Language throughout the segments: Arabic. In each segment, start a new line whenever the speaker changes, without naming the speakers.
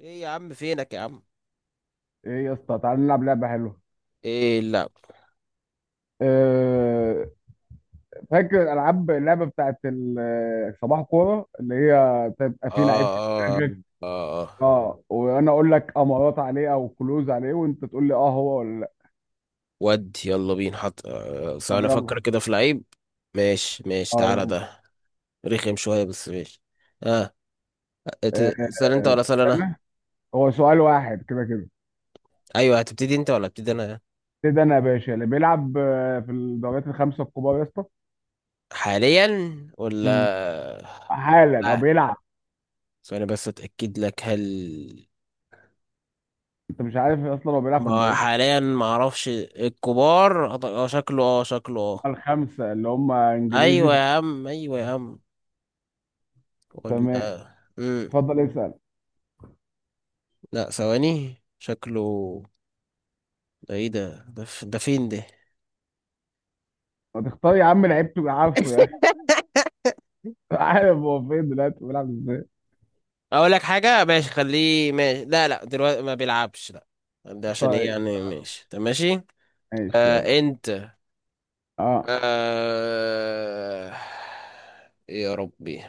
ايه يا عم، فينك يا عم؟
ايه يا اسطى، تعال نلعب لعبه حلوه.
ايه لا.
أه. فاكر العاب اللعبه بتاعت صباح كوره اللي هي تبقى
اه،
فيه لعيب في
اه،
دماغك.
اه.
اه، وانا اقول لك امارات عليه او كلوز عليه، وانت تقول لي اه هو ولا لا.
ود يلا بينا حط،
طب
ثواني
يلا.
افكر كده في لعيب. ماشي ماشي،
اه
تعالى
يلا.
ده. رخم شوية بس، ماشي. اه.
أه.
اسال انت ولا اسال انا؟
استنى، هو سؤال واحد كده كده.
ايوه، هتبتدي انت ولا ابتدي انا؟
ابتدي انا يا باشا. اللي بيلعب في الدوريات الخمسه الكبار يا اسطى.
حاليا ولا.
مم. حالا او
اه،
بيلعب.
ثواني بس اتاكد لك. هل
انت مش عارف اصلا هو بيلعب في
ما هو
الدوريات
حاليا، ما اعرفش الكبار، اه شكله، اه شكله اه؟
الخمسه اللي هم انجليزي؟
ايوه يا عم، ايوه يا عم.
تمام،
ولا مم.
اتفضل اسال.
لا، ثواني شكله ده. ايه ده، ده فين ده؟
ما تختار يا عم لعيب تبقى عارفه يا اخي. عارف هو فين دلوقتي بيلعب ازاي.
اقول لك حاجه، ماشي خليه ماشي. لا لا، دلوقتي ما بيلعبش، لا. ده عشان ايه
طيب،
يعني؟ ماشي، طب ماشي.
ماشي يلا.
آه انت.
اه،
آه يا ربي.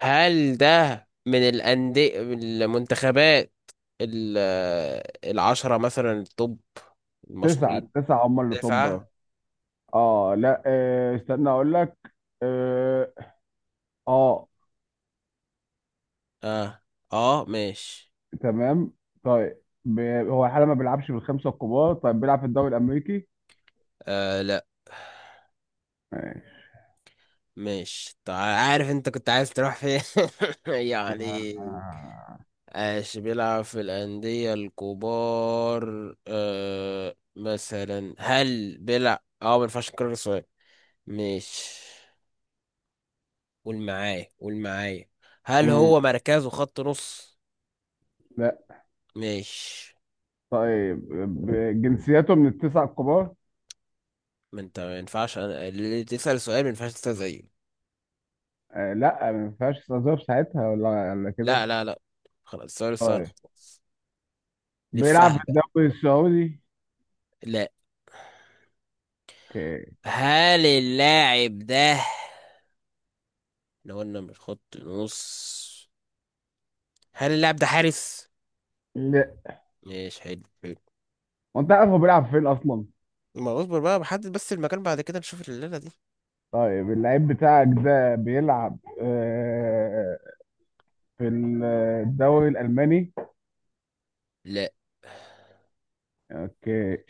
هل ده من الانديه من المنتخبات ال- العشره مثلا، التوب،
تسعة
المشهورين؟
التسعة هم اللي طب.
تسعه.
اه لا، استنى اقول لك. اه, آه.
اه اه ماشي.
تمام. طيب هو حالا ما بيلعبش بالخمسة الكبار. طيب بيلعب في الدوري الامريكي؟
آه لا،
ماشي.
ماشي طيب. عارف انت كنت عايز تروح فين؟ يعني.
آه.
ايش بيلعب في الأندية الكبار؟ مثلا، هل بيلعب اه؟ ما ينفعش نكرر السؤال. ماشي. قول معايا، قول معايا، هل
مم.
هو مركزه خط نص؟
لا.
ماشي.
طيب جنسياته من التسعة الكبار.
ما انت، ما ينفعش انا اللي تسأل سؤال، ما ينفعش تسأل زيه.
آه لا، ما ينفعش استظهر ساعتها ولا كده.
لا لا لا، خلاص، السؤال سهل
طيب،
خلاص. لفها
بيلعب في
بقى.
الدوري السعودي.
لا.
اوكي.
هل اللاعب ده، لو قلنا من خط نص، هل اللاعب ده حارس؟
لا.
ماشي، حلو حلو.
وانت عارف هو بيلعب فين اصلا؟
ما اصبر بقى، بحدد بس المكان، بعد كده نشوف الليلة دي.
طيب اللعيب بتاعك ده بيلعب في الدوري الالماني.
لا.
اوكي.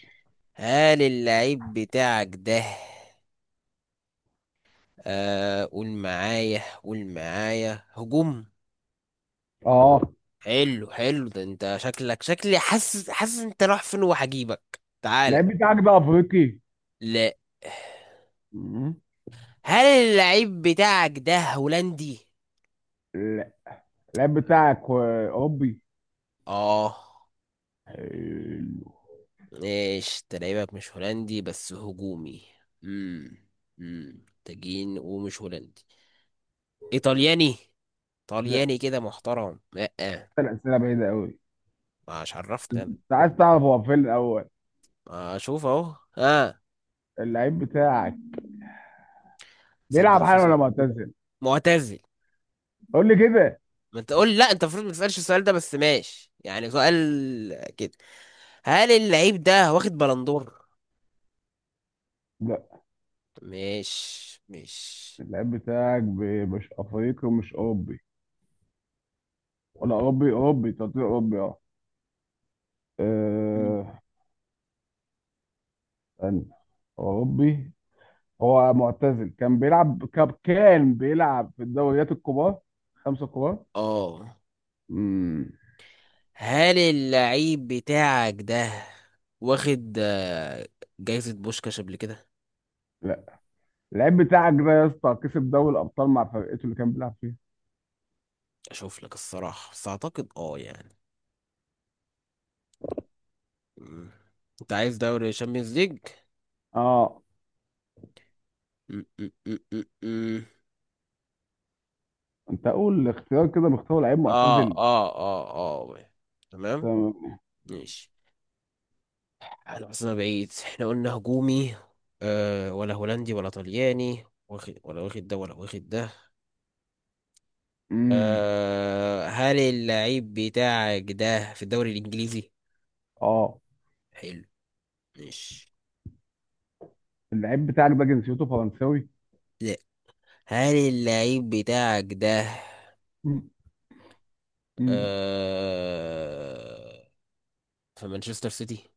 هل اللعيب بتاعك ده، قول معايا، قول معايا، هجوم؟
اه،
حلو حلو، ده انت شكلك شكلي، حاسس حاسس انت رايح فين، وهجيبك تعالى.
اللعيب بتاعك ده افريقي؟
لا.
مم.
هل اللعيب بتاعك ده هولندي؟
لا، اللعيب بتاعك اوروبي.
اه.
حلو.
ايش تلاعبك، مش هولندي بس هجومي. امم تجين ومش هولندي، ايطالياني،
لا،
طلياني كده محترم. لا.
ثلاث اسئله بعيده قوي.
مش عرفتني انا.
انت عايز تعرف هو فين الاول؟
ما اشوف اهو اه.
اللعيب بتاعك
صدق،
بيلعب
في
حالا ولا
سؤال.
معتزل؟
معتزل.
قول لي كده.
ما انت قول، لا انت المفروض ما تسالش السؤال ده، بس ماشي يعني سؤال كده. هل اللعيب ده واخد بلندور؟
لا،
مش.
اللعيب بتاعك مش افريقي ومش اوروبي. ولا اوروبي، اوروبي تعتبر اوروبي اه.
مم.
آه. استنى، هو اوروبي. هو معتزل، كان بيلعب كان بيلعب في الدوريات الكبار، خمسة كبار.
اه،
امم.
هل اللعيب بتاعك ده واخد، جايزة بوشكاش قبل كده؟
لا. اللعيب بتاعك ده يا اسطى كسب دوري الابطال مع فرقته اللي كان بيلعب فيها.
اشوف لك الصراحة، بس اعتقد اه يعني. مم. انت عايز دوري شامبيونز ليج.
اه،
مم، مم، مم، مم، مم.
انت اقول اختيار كده، مختار لعيب
اه
معتزل.
اه اه. اه تمام
تمام.
ماشي. انا بس انا بعيد احنا قلنا هجومي، ولا هولندي، ولا طلياني، واخد ولا، واخد ده ولا، واخد ده.
امم.
هل اللعيب بتاعك ده في الدوري الانجليزي؟
اه،
حلو ماشي.
اللعيب بتاعك ده جنسيته فرنساوي؟
هل اللعيب بتاعك ده
مم. مم.
آه... في مانشستر سيتي؟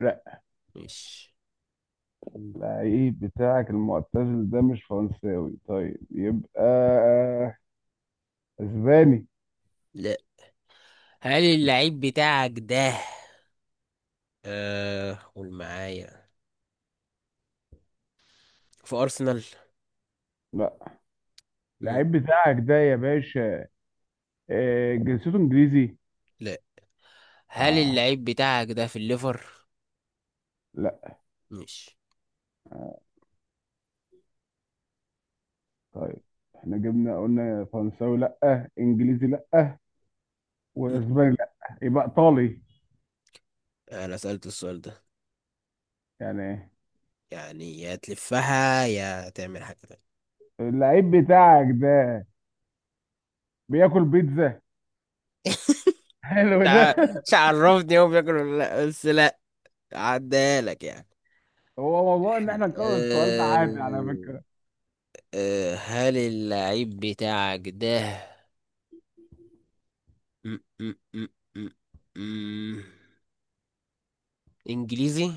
لا،
مش
اللعيب بتاعك المعتزل ده مش فرنساوي. طيب يبقى اسباني.
لا. هل اللعيب بتاعك ده، قول معايا، في أرسنال؟
لا،
مم.
اللعيب بتاعك ده يا باشا جنسيته انجليزي.
لا. هل
آه.
اللعيب بتاعك ده في الليفر؟
لا.
مش.
طيب احنا جبنا قلنا فرنساوي لا، انجليزي لا،
مم.
واسباني لا. يبقى ايطالي
أنا سألت السؤال ده
يعني.
يعني، يا تلفها يا تعمل حاجة تانية.
اللعيب بتاعك ده بياكل بيتزا. حلو ده.
تع- مش عرفني هو بياكل ولا لا، بس لا، عدالك يعني.
هو موضوع ان احنا نكرر السؤال ده عادي على
أه...
فكرة.
أه، هل اللعيب بتاعك ده م- م- م- م- م- انجليزي؟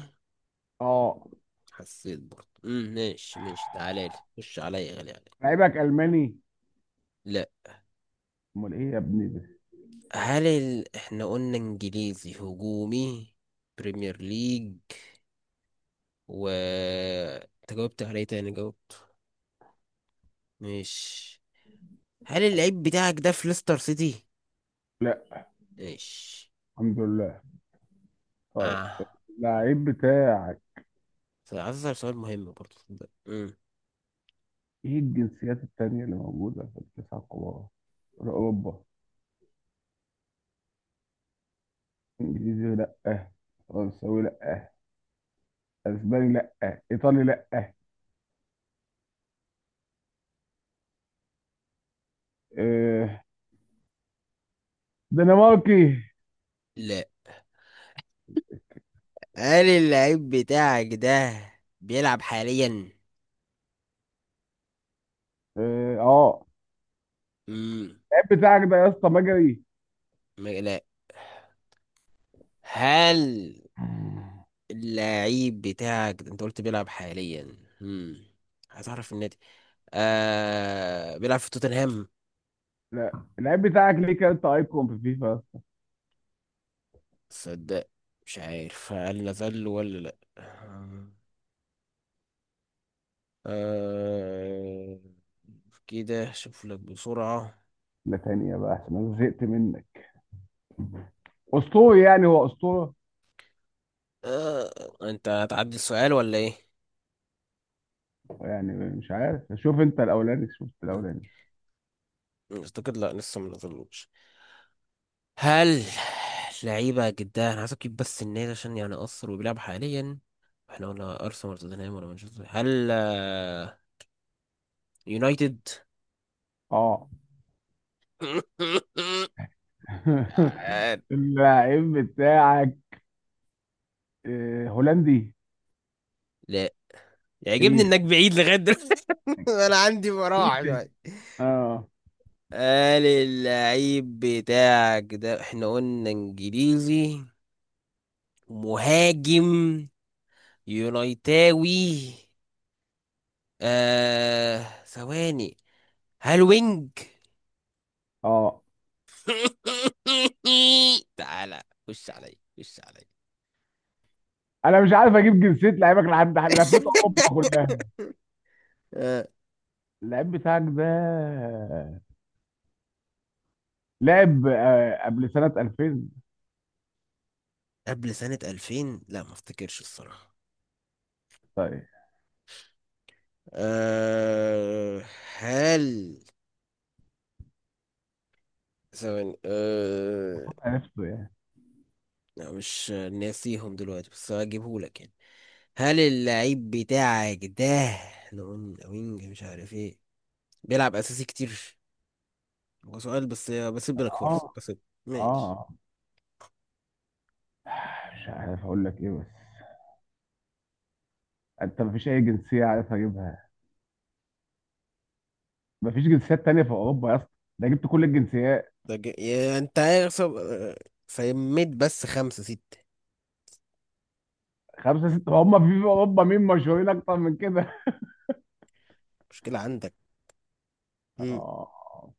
اه،
حسيت برضه، ماشي ماشي، تعالى لي، خش عليا، غالي عليا.
لعيبك الماني؟
لا.
امال ايه يا ابني ده؟
هل احنا قلنا انجليزي، هجومي، بريمير ليج، و انت جاوبت عليه تاني جاوبت. ماشي. هل اللعيب بتاعك ده في ليستر سيتي؟
لا.
ماشي.
الحمد لله. طيب،
اه،
اللعيب بتاعك،
عايز اسأل سؤال مهم برضه صدق. مم.
ايه الجنسيات التانية اللي موجودة في التسعة الكبار، اوروبا؟ انجليزي لا، فرنساوي لا، اسباني لا، ايطالي لا، آه، دنماركي.
لا. هل اللعيب بتاعك ده بيلعب حاليا؟
اه. آه.
امم.
اللعيب بتاعك ده يا اسطى مجري؟
لا. هل اللعيب بتاعك ده، انت قلت بيلعب حاليا، امم، هتعرف النادي، آه بيلعب في توتنهام؟
لا. اللعيب بتاعك ليه كارت ايكون في فيفا؟
صدق مش عارف، هل نزل ولا لا. آه كده، شوف لك بسرعة.
لا تانية بقى عشان انا زهقت منك. اسطوري يعني، هو اسطوره
آه انت هتعدي السؤال ولا ايه؟
يعني. مش عارف، شوف انت الاولاني، شوف انت
مم.
الاولاني.
اعتقد لا، لسه ما نزلوش. هل لعيبة جدا، أنا عايز أجيب بس النادي عشان يعني أثر، وبيلعب حاليا. احنا قلنا أرسنال ولا توتنهام ولا مانشستر، هل يونايتد؟
اه.
آه،
اللعيب بتاعك هولندي.
لا. يعجبني
ايه؟
إنك بعيد لغاية دلوقتي أنا عندي
ايه
مراحل
ده؟
دلوقتي.
اه.
قال اللعيب بتاعك ده، احنا قلنا انجليزي، مهاجم، يونايتاوي، ثواني، هل وينج؟
اه.
تعالى، خش علي، خش علي
انا مش عارف اجيب جنسيه لعيبك، لحد لفيت اوروبا كلها.
آه،
اللعيب بتاعك ده لعب قبل سنة 2000.
قبل سنة 2000؟ لا ما افتكرش الصراحة.
طيب
أه هل، ثواني،
عرفته يعني.
لا مش ناسيهم دلوقتي بس هجيبه لك يعني. هل اللعيب بتاعك ده لون وينج مش عارف ايه، بيلعب اساسي كتير؟ هو سؤال بس، بسيب لك فرصة
اه.
بس. ماشي.
اه مش عارف اقول لك ايه بس. انت مفيش اي جنسية عارف اجيبها. مفيش جنسيات تانية في اوروبا يا اسطى. ده جبت كل الجنسيات.
ده يا انت عارف سميت بس خمسة ستة.
خمسة ستة هم في اوروبا، مين مشهورين اكتر من كده؟
مشكلة عندك. مم.
اه.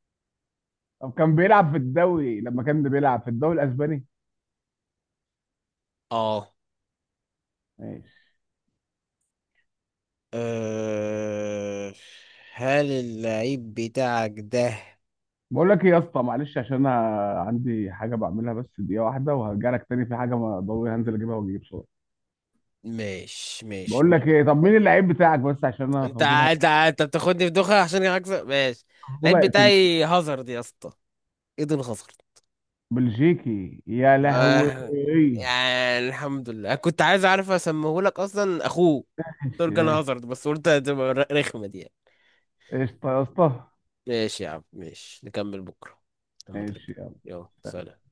طب كان بيلعب في الدوري، لما كان بيلعب في الدوري الاسباني.
اه.
ماشي.
أه... هل اللعيب بتاعك ده؟
بقول لك ايه يا اسطى، معلش، عشان انا عندي حاجة بعملها بس دقيقة واحدة وهرجع لك تاني، في حاجة ما ضروري هنزل اجيبها واجيب صورة.
ماشي، ماشي
بقول لك ايه،
مكمل.
طب مين اللعيب بتاعك بس عشان انا
انت
فضول
انت انت بتاخدني في دوخة عشان اكسب، ماشي.
فضول
اللعيب
هيقتل.
بتاعي هازارد يا اسطى، ايدن هازارد.
بلجيكي يا لهوي.
آه،
ماشي.
يعني الحمد لله، كنت عايز اعرف اسميه لك اصلا اخوه تورجان
ماشي.
هازارد، بس قلت هتبقى رخمة دي يعني.
قشطه يا اسطى.
ماشي يا عم، ماشي نكمل بكرة لما
ماشي
ترجع. يلا
يلا
سلام.